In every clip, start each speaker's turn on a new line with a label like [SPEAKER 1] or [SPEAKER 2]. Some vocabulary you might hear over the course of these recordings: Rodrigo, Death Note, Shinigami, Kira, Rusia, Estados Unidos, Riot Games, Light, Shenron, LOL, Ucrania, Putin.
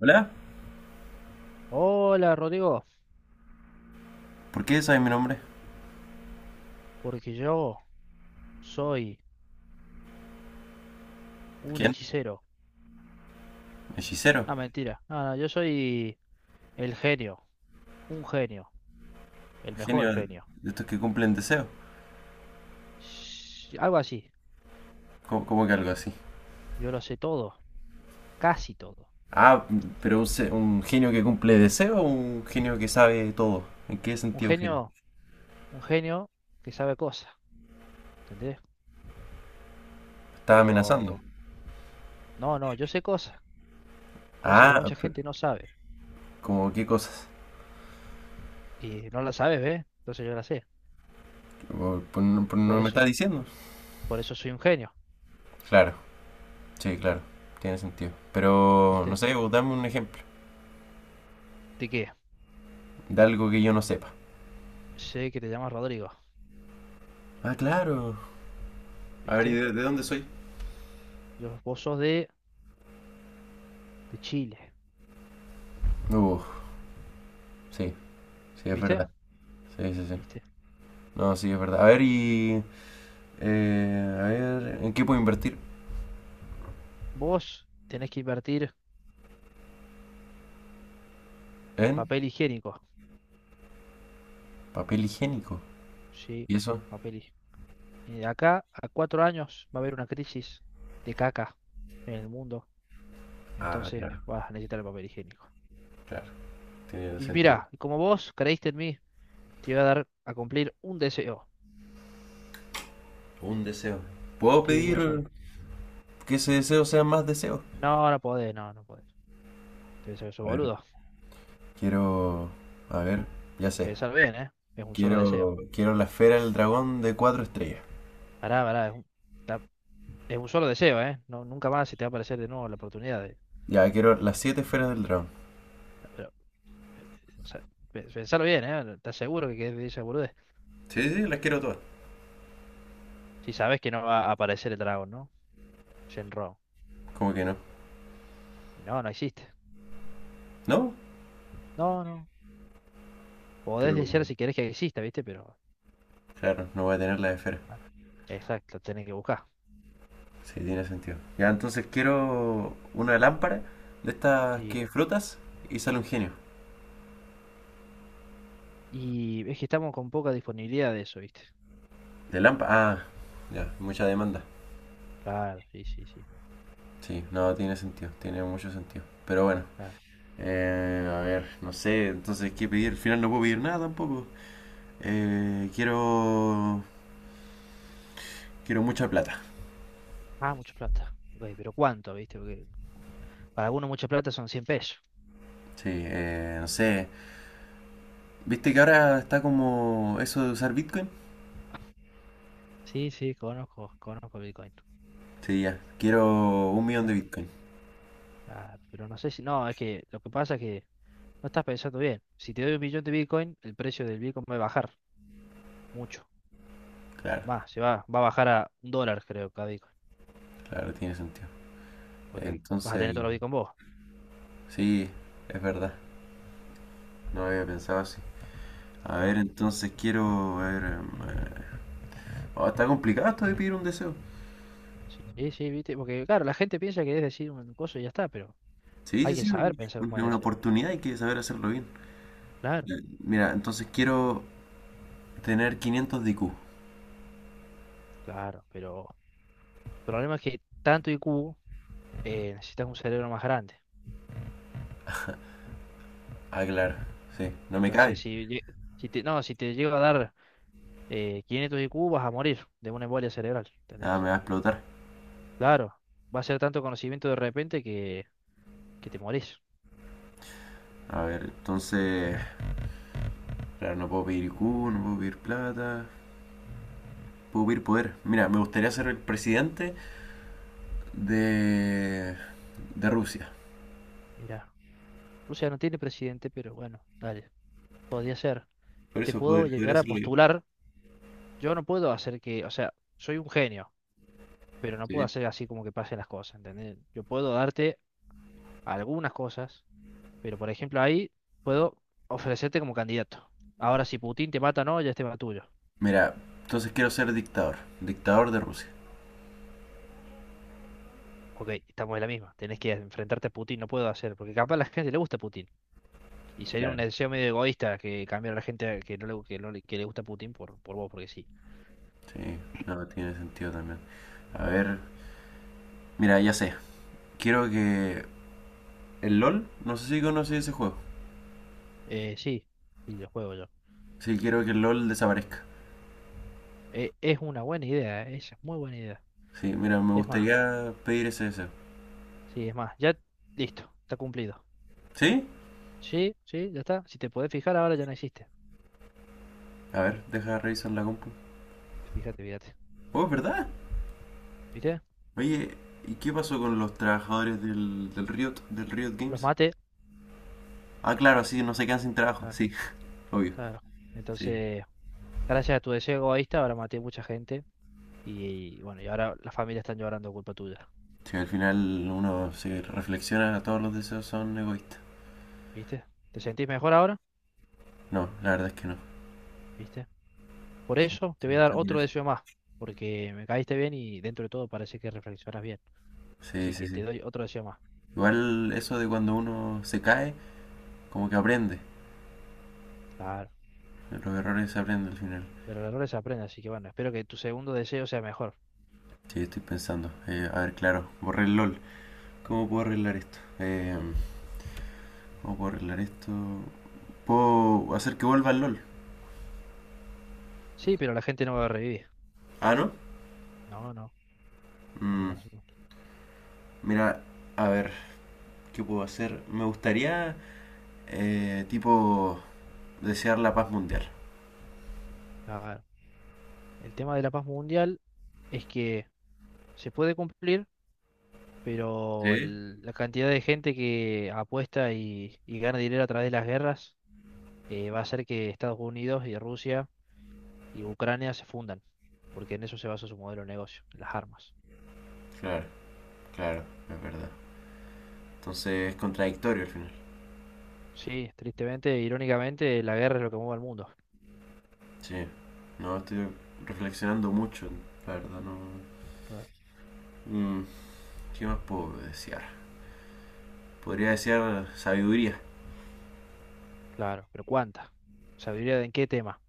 [SPEAKER 1] Hola,
[SPEAKER 2] Hola Rodrigo,
[SPEAKER 1] ¿por qué sabes mi nombre?
[SPEAKER 2] porque yo soy un
[SPEAKER 1] ¿Quién?
[SPEAKER 2] hechicero.
[SPEAKER 1] Hechicero,
[SPEAKER 2] Ah, mentira. No, no, yo soy el genio, un genio, el
[SPEAKER 1] genio
[SPEAKER 2] mejor
[SPEAKER 1] de
[SPEAKER 2] genio.
[SPEAKER 1] de estos que cumplen deseos.
[SPEAKER 2] Algo así.
[SPEAKER 1] ¿Cómo que algo así?
[SPEAKER 2] Yo lo sé todo, casi todo.
[SPEAKER 1] Ah, pero un genio que cumple deseos o un genio que sabe todo. ¿En qué
[SPEAKER 2] Un
[SPEAKER 1] sentido genio?
[SPEAKER 2] genio, un genio que sabe cosas, ¿entendés?
[SPEAKER 1] ¿Estás amenazando?
[SPEAKER 2] Pero no, no, yo sé cosas, cosas que
[SPEAKER 1] Ah,
[SPEAKER 2] mucha
[SPEAKER 1] pero,
[SPEAKER 2] gente no sabe
[SPEAKER 1] ¿cómo qué cosas?
[SPEAKER 2] y no la sabe, ¿ves? Entonces yo la sé.
[SPEAKER 1] Por no
[SPEAKER 2] Por
[SPEAKER 1] me
[SPEAKER 2] eso,
[SPEAKER 1] estás diciendo.
[SPEAKER 2] por eso soy un genio,
[SPEAKER 1] Claro, sí, claro, tiene sentido. Pero, no
[SPEAKER 2] ¿viste?
[SPEAKER 1] sé, vos dame un ejemplo
[SPEAKER 2] ¿De qué?
[SPEAKER 1] de algo que yo no sepa.
[SPEAKER 2] Sé que te llamas Rodrigo,
[SPEAKER 1] Ah, claro. A ver, ¿y
[SPEAKER 2] ¿viste?
[SPEAKER 1] de dónde soy?
[SPEAKER 2] Vos sos de Chile,
[SPEAKER 1] Uh, sí, sí, es
[SPEAKER 2] ¿viste?
[SPEAKER 1] verdad. Sí, sí, sí.
[SPEAKER 2] ¿Viste?
[SPEAKER 1] No, sí, es verdad. A ver, y... a ver, ¿en qué puedo invertir?
[SPEAKER 2] Vos tenés que invertir en
[SPEAKER 1] En
[SPEAKER 2] papel higiénico,
[SPEAKER 1] papel higiénico.
[SPEAKER 2] ¿sí?
[SPEAKER 1] ¿Y eso?
[SPEAKER 2] Papel higiénico. Y de acá a 4 años va a haber una crisis de caca en el mundo,
[SPEAKER 1] Ah,
[SPEAKER 2] entonces
[SPEAKER 1] claro,
[SPEAKER 2] vas a necesitar el papel higiénico.
[SPEAKER 1] claro, tiene
[SPEAKER 2] Y
[SPEAKER 1] sentido.
[SPEAKER 2] mira, como vos creíste en mí, te voy a dar a cumplir un deseo,
[SPEAKER 1] Un deseo. ¿Puedo
[SPEAKER 2] sí, uno
[SPEAKER 1] pedir
[SPEAKER 2] solo.
[SPEAKER 1] que ese deseo sea más deseos?
[SPEAKER 2] No, no podés, no, no podés. Te deseo eso,
[SPEAKER 1] A ver,
[SPEAKER 2] boludo.
[SPEAKER 1] quiero... A ver, ya sé.
[SPEAKER 2] Pensar bien, ¿eh? Es un solo deseo.
[SPEAKER 1] Quiero la esfera del dragón de cuatro estrellas.
[SPEAKER 2] Pará, pará, es un, la- es un solo deseo, ¿eh? No, nunca más se te va a aparecer de nuevo la oportunidad de...
[SPEAKER 1] Ya, quiero las siete esferas del dragón.
[SPEAKER 2] Pero, o sea, pensalo bien, ¿eh? ¿Estás seguro que querés esa boludo?
[SPEAKER 1] Sí, sí, las quiero todas.
[SPEAKER 2] Si sabes que no va a aparecer el dragón, ¿no? Shenron.
[SPEAKER 1] ¿Cómo que no?
[SPEAKER 2] Y no, no existe.
[SPEAKER 1] ¿No?
[SPEAKER 2] No, no. Podés
[SPEAKER 1] Pero,
[SPEAKER 2] desear si querés que exista, ¿viste? Pero.
[SPEAKER 1] claro, no voy a tener las esferas.
[SPEAKER 2] Bueno, exacto, tenés que buscar.
[SPEAKER 1] Sí, tiene sentido. Ya, entonces quiero una lámpara de estas
[SPEAKER 2] Sí.
[SPEAKER 1] que frotas y sale un genio.
[SPEAKER 2] Y es que estamos con poca disponibilidad de eso, ¿viste?
[SPEAKER 1] De lámpara ah, ya, mucha demanda.
[SPEAKER 2] Claro, sí, sí, sí.
[SPEAKER 1] Sí, no, tiene sentido, tiene mucho sentido. Pero bueno,
[SPEAKER 2] Claro.
[SPEAKER 1] a ver, no sé, entonces, ¿qué pedir? Al final no puedo pedir nada tampoco. Eh, quiero, quiero mucha plata.
[SPEAKER 2] Ah, mucha plata. Güey, pero ¿cuánto, viste? Porque para algunos mucha plata son 100 pesos.
[SPEAKER 1] Sí, no sé. ¿Viste que ahora está como eso de usar Bitcoin?
[SPEAKER 2] Sí, sí, conozco, conozco Bitcoin.
[SPEAKER 1] Sí, ya, quiero un millón de
[SPEAKER 2] Ah,
[SPEAKER 1] Bitcoin.
[SPEAKER 2] ah, pero no sé si. No, es que lo que pasa es que no estás pensando bien. Si te doy 1 millón de Bitcoin, el precio del Bitcoin va a bajar mucho.
[SPEAKER 1] Claro,
[SPEAKER 2] Va, se va, va a bajar a $1, creo, cada Bitcoin.
[SPEAKER 1] claro, tiene sentido.
[SPEAKER 2] Porque vas a
[SPEAKER 1] Entonces,
[SPEAKER 2] tener todos los Bitcoin vos.
[SPEAKER 1] sí, es verdad, no había pensado así. A ver,
[SPEAKER 2] Claro.
[SPEAKER 1] entonces quiero, a ver, eh, oh, está complicado esto de pedir un deseo.
[SPEAKER 2] Sí, sí, viste. Porque, claro, la gente piensa que es decir un coso y ya está, pero
[SPEAKER 1] Sí, sí,
[SPEAKER 2] hay que
[SPEAKER 1] sí,
[SPEAKER 2] saber
[SPEAKER 1] es
[SPEAKER 2] pensar con
[SPEAKER 1] una
[SPEAKER 2] deseo.
[SPEAKER 1] oportunidad y hay que saber hacerlo bien.
[SPEAKER 2] Claro,
[SPEAKER 1] Ya, mira, entonces quiero tener 500 de IQ.
[SPEAKER 2] claro. Pero el problema es que tanto IQ, necesitas un cerebro más grande.
[SPEAKER 1] Ah, claro, sí, no me
[SPEAKER 2] Entonces,
[SPEAKER 1] cabe.
[SPEAKER 2] si, si te, no, si te llega a dar 500 IQ, vas a morir de una embolia cerebral.
[SPEAKER 1] Ah,
[SPEAKER 2] ¿Entendés?
[SPEAKER 1] me va a explotar.
[SPEAKER 2] Claro. Va a ser tanto conocimiento de repente que te morís.
[SPEAKER 1] A ver, entonces, claro, no puedo pedir IQ, no puedo pedir plata, puedo pedir poder. Mira, me gustaría ser el presidente de, de Rusia.
[SPEAKER 2] Mira, Rusia no tiene presidente, pero bueno, dale. Podría ser.
[SPEAKER 1] Por
[SPEAKER 2] Te
[SPEAKER 1] eso
[SPEAKER 2] puedo
[SPEAKER 1] podría
[SPEAKER 2] llegar a
[SPEAKER 1] hacerlo yo.
[SPEAKER 2] postular. Yo no puedo hacer que, o sea, soy un genio, pero no puedo
[SPEAKER 1] Sí.
[SPEAKER 2] hacer así como que pasen las cosas, ¿entendés? Yo puedo darte algunas cosas, pero por ejemplo ahí puedo ofrecerte como candidato. Ahora, si Putin te mata no, ya es tema tuyo.
[SPEAKER 1] Mira, entonces quiero ser dictador, dictador de Rusia.
[SPEAKER 2] Ok, estamos en la misma. Tenés que enfrentarte a Putin, no puedo hacer, porque capaz a la gente le gusta Putin. Y sería un
[SPEAKER 1] Claro.
[SPEAKER 2] deseo medio egoísta que cambiar a la gente que no le, que le gusta Putin por vos, porque sí.
[SPEAKER 1] Sí, no, tiene sentido también. A ver, mira, ya sé. Quiero que el LOL, no sé si conoces ese juego.
[SPEAKER 2] Sí, y lo juego yo.
[SPEAKER 1] Sí, quiero que el LOL desaparezca.
[SPEAKER 2] Es una buena idea, esa es muy buena idea.
[SPEAKER 1] Sí, mira, me
[SPEAKER 2] Es más.
[SPEAKER 1] gustaría pedir ese deseo.
[SPEAKER 2] Sí, es más, ya listo, está cumplido.
[SPEAKER 1] ¿Sí?
[SPEAKER 2] Sí, sí, ya está. Si te podés fijar, ahora ya no existe.
[SPEAKER 1] A ver, deja revisar la compu.
[SPEAKER 2] Fíjate, fíjate.
[SPEAKER 1] Oh, es verdad.
[SPEAKER 2] ¿Viste?
[SPEAKER 1] Oye, ¿y qué pasó con los trabajadores del Riot
[SPEAKER 2] Los
[SPEAKER 1] Games?
[SPEAKER 2] maté.
[SPEAKER 1] Ah, claro, sí, no se quedan sin trabajo.
[SPEAKER 2] Claro.
[SPEAKER 1] Sí, obvio.
[SPEAKER 2] Claro.
[SPEAKER 1] Sí.
[SPEAKER 2] Entonces, gracias a tu deseo egoísta, ahora maté mucha gente. Y bueno, y ahora las familias están llorando culpa tuya.
[SPEAKER 1] Sí, al final uno se reflexiona, todos los deseos son egoístas.
[SPEAKER 2] ¿Viste? ¿Te sentís mejor ahora?
[SPEAKER 1] No, la verdad es que no.
[SPEAKER 2] ¿Viste? Por
[SPEAKER 1] Sí,
[SPEAKER 2] eso te
[SPEAKER 1] está-
[SPEAKER 2] voy a dar
[SPEAKER 1] está
[SPEAKER 2] otro
[SPEAKER 1] curioso.
[SPEAKER 2] deseo más. Porque me caíste bien y dentro de todo parece que reflexionas bien.
[SPEAKER 1] Sí,
[SPEAKER 2] Así
[SPEAKER 1] sí,
[SPEAKER 2] que te
[SPEAKER 1] sí.
[SPEAKER 2] doy otro deseo más.
[SPEAKER 1] Igual eso de cuando uno se cae, como que aprende.
[SPEAKER 2] Claro.
[SPEAKER 1] Los errores se aprenden al final.
[SPEAKER 2] Pero el error se aprende, así que bueno, espero que tu segundo deseo sea mejor.
[SPEAKER 1] Sí, estoy pensando. A ver, claro, borré el LOL. ¿Cómo puedo arreglar esto? ¿Cómo puedo arreglar esto? ¿Puedo hacer que vuelva el LOL?
[SPEAKER 2] Sí, pero la gente no va a revivir.
[SPEAKER 1] Ah, ¿no?
[SPEAKER 2] No, no. no-
[SPEAKER 1] Mm,
[SPEAKER 2] no- no-
[SPEAKER 1] mira, a ver, ¿qué puedo hacer? Me gustaría, tipo, desear la paz mundial.
[SPEAKER 2] claro. El tema de la paz mundial es que se puede cumplir, pero
[SPEAKER 1] Sí.
[SPEAKER 2] la cantidad de gente que apuesta y gana dinero a través de las guerras va a hacer que Estados Unidos y Rusia y Ucrania se fundan, porque en eso se basa su modelo de negocio, en las armas.
[SPEAKER 1] Claro, claro, es verdad. Entonces es contradictorio al final.
[SPEAKER 2] Sí, tristemente, irónicamente, la guerra es lo que mueve al mundo.
[SPEAKER 1] Sí. No, estoy reflexionando mucho, la verdad, no.
[SPEAKER 2] Claro,
[SPEAKER 1] Mm, ¿qué más puedo desear? Podría desear sabiduría.
[SPEAKER 2] claro, pero ¿cuánta? ¿Sabiduría en qué tema?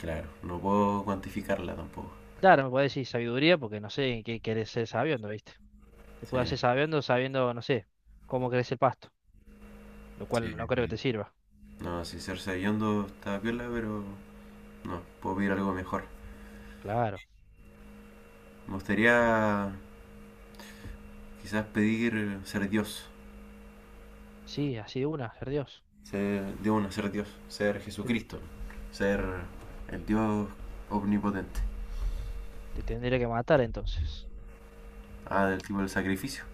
[SPEAKER 1] Claro, no puedo cuantificarla tampoco.
[SPEAKER 2] Claro, me puede decir sabiduría porque no sé en qué querés ser sabiendo, ¿viste? Te puedes
[SPEAKER 1] Sí,
[SPEAKER 2] hacer sabiendo, sabiendo, no sé, cómo crece el pasto. Lo
[SPEAKER 1] sí,
[SPEAKER 2] cual no
[SPEAKER 1] es
[SPEAKER 2] creo que
[SPEAKER 1] verdad.
[SPEAKER 2] te sirva.
[SPEAKER 1] No, si ser sabiondo está piola, pero no, puedo pedir algo mejor.
[SPEAKER 2] Claro.
[SPEAKER 1] Me gustaría quizás pedir ser Dios,
[SPEAKER 2] Sí, así de una, ser Dios.
[SPEAKER 1] ser de una, ser Dios, ser
[SPEAKER 2] Te,
[SPEAKER 1] Jesucristo, ser el Dios omnipotente.
[SPEAKER 2] te tendré que matar entonces.
[SPEAKER 1] Ah,
[SPEAKER 2] Primero.
[SPEAKER 1] del tipo del sacrificio.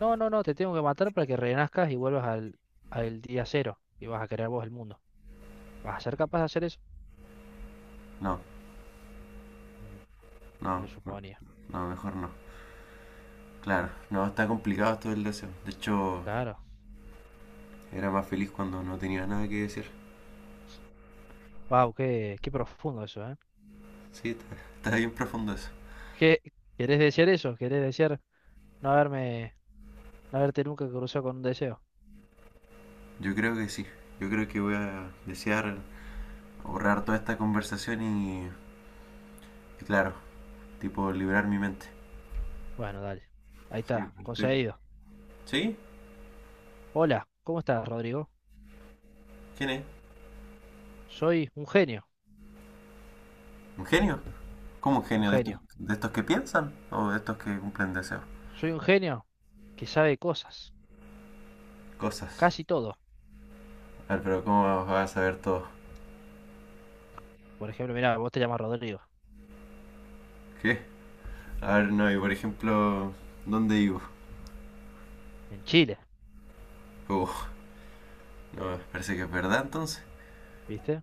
[SPEAKER 2] No, no, no, te tengo que matar para que renazcas y vuelvas al, al día cero y vas a crear vos el mundo. ¿Vas a ser capaz de hacer eso?
[SPEAKER 1] No,
[SPEAKER 2] Mm. Me
[SPEAKER 1] no,
[SPEAKER 2] lo
[SPEAKER 1] no,
[SPEAKER 2] suponía.
[SPEAKER 1] no, mejor no. Claro, no, está complicado todo el deseo. De hecho,
[SPEAKER 2] Claro.
[SPEAKER 1] era más feliz cuando no tenía nada que decir.
[SPEAKER 2] Wow, qué profundo eso, ¿eh?
[SPEAKER 1] Sí, está bien profundo eso.
[SPEAKER 2] ¿Qué, querés desear eso? ¿Querés desear no haberme, no haberte nunca cruzado con un deseo?
[SPEAKER 1] Yo creo que sí. Yo creo que voy a desear ahorrar toda esta conversación y claro, tipo liberar mi mente.
[SPEAKER 2] Bueno, dale. Ahí
[SPEAKER 1] Sí,
[SPEAKER 2] está, conseguido.
[SPEAKER 1] ¿sí?
[SPEAKER 2] Hola, ¿cómo estás, Rodrigo?
[SPEAKER 1] ¿Quién es?
[SPEAKER 2] Soy un genio,
[SPEAKER 1] ¿Un genio? ¿Cómo un
[SPEAKER 2] un
[SPEAKER 1] genio?
[SPEAKER 2] genio.
[SPEAKER 1] De estos que piensan o de estos que cumplen deseos?
[SPEAKER 2] Soy un genio que sabe cosas.
[SPEAKER 1] Cosas.
[SPEAKER 2] Casi todo.
[SPEAKER 1] A ver, pero ¿cómo vas a saber todo?
[SPEAKER 2] Por ejemplo, mira, vos te llamas Rodrigo,
[SPEAKER 1] ¿Qué? A ver, no, y por ejemplo, ¿dónde vivo?
[SPEAKER 2] en Chile,
[SPEAKER 1] Oh, no, parece que es verdad entonces.
[SPEAKER 2] ¿viste?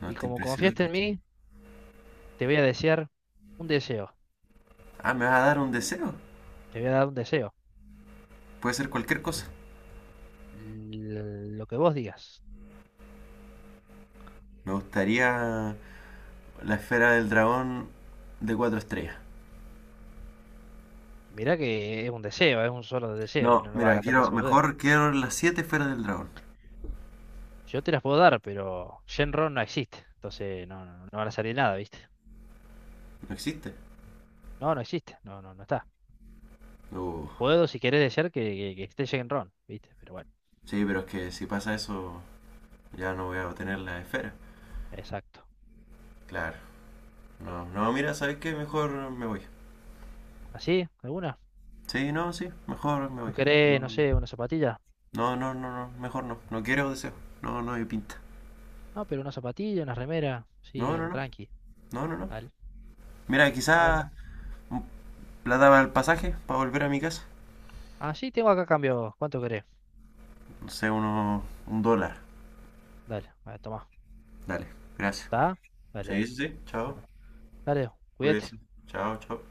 [SPEAKER 1] No,
[SPEAKER 2] Y
[SPEAKER 1] está
[SPEAKER 2] como confiaste
[SPEAKER 1] impresionante
[SPEAKER 2] en
[SPEAKER 1] esto.
[SPEAKER 2] mí, te voy a desear un deseo,
[SPEAKER 1] Ah, ¿me vas a dar un deseo?
[SPEAKER 2] te voy a dar un deseo,
[SPEAKER 1] Puede ser cualquier cosa.
[SPEAKER 2] lo que vos digas.
[SPEAKER 1] Me gustaría la esfera del dragón de cuatro estrellas.
[SPEAKER 2] Mirá que es un deseo, es un solo deseo, que
[SPEAKER 1] No,
[SPEAKER 2] no lo vas a
[SPEAKER 1] mira,
[SPEAKER 2] gastar en
[SPEAKER 1] quiero,
[SPEAKER 2] esa boludez.
[SPEAKER 1] mejor quiero las siete esferas del dragón.
[SPEAKER 2] Yo te las puedo dar, pero Shenron no existe, entonces no, no, no van a salir nada, ¿viste?
[SPEAKER 1] No existe.
[SPEAKER 2] No, no existe, no, no, no está.
[SPEAKER 1] Uh,
[SPEAKER 2] Puedo, si querés, desear que esté Shenron, ¿viste? Pero bueno,
[SPEAKER 1] sí, pero es que si pasa eso, ya no voy a obtener las esferas.
[SPEAKER 2] exacto.
[SPEAKER 1] Claro. No, no, mira, ¿sabes qué? Mejor me voy.
[SPEAKER 2] ¿Así? ¿Alguna?
[SPEAKER 1] Sí, no, sí, mejor me
[SPEAKER 2] ¿No
[SPEAKER 1] voy.
[SPEAKER 2] querés,
[SPEAKER 1] No,
[SPEAKER 2] no sé, una zapatilla?
[SPEAKER 1] no, no, no, no, mejor no. No quiero deseo. No, no hay pinta.
[SPEAKER 2] No, pero una zapatilla, una remera, sí,
[SPEAKER 1] No, no,
[SPEAKER 2] algo
[SPEAKER 1] no.
[SPEAKER 2] tranqui.
[SPEAKER 1] No, no, no.
[SPEAKER 2] Dale.
[SPEAKER 1] Mira,
[SPEAKER 2] Bueno.
[SPEAKER 1] quizás la daba el pasaje para volver a mi casa.
[SPEAKER 2] Ah, sí, tengo acá cambio. ¿Cuánto querés?
[SPEAKER 1] No sé, uno, 1 dólar.
[SPEAKER 2] Dale, a ver, tomá.
[SPEAKER 1] Dale, gracias.
[SPEAKER 2] ¿Está? Dale, dale.
[SPEAKER 1] Sí, sí, sí. Chao.
[SPEAKER 2] Bueno, dale, cuídate.
[SPEAKER 1] Pues, chao, chao.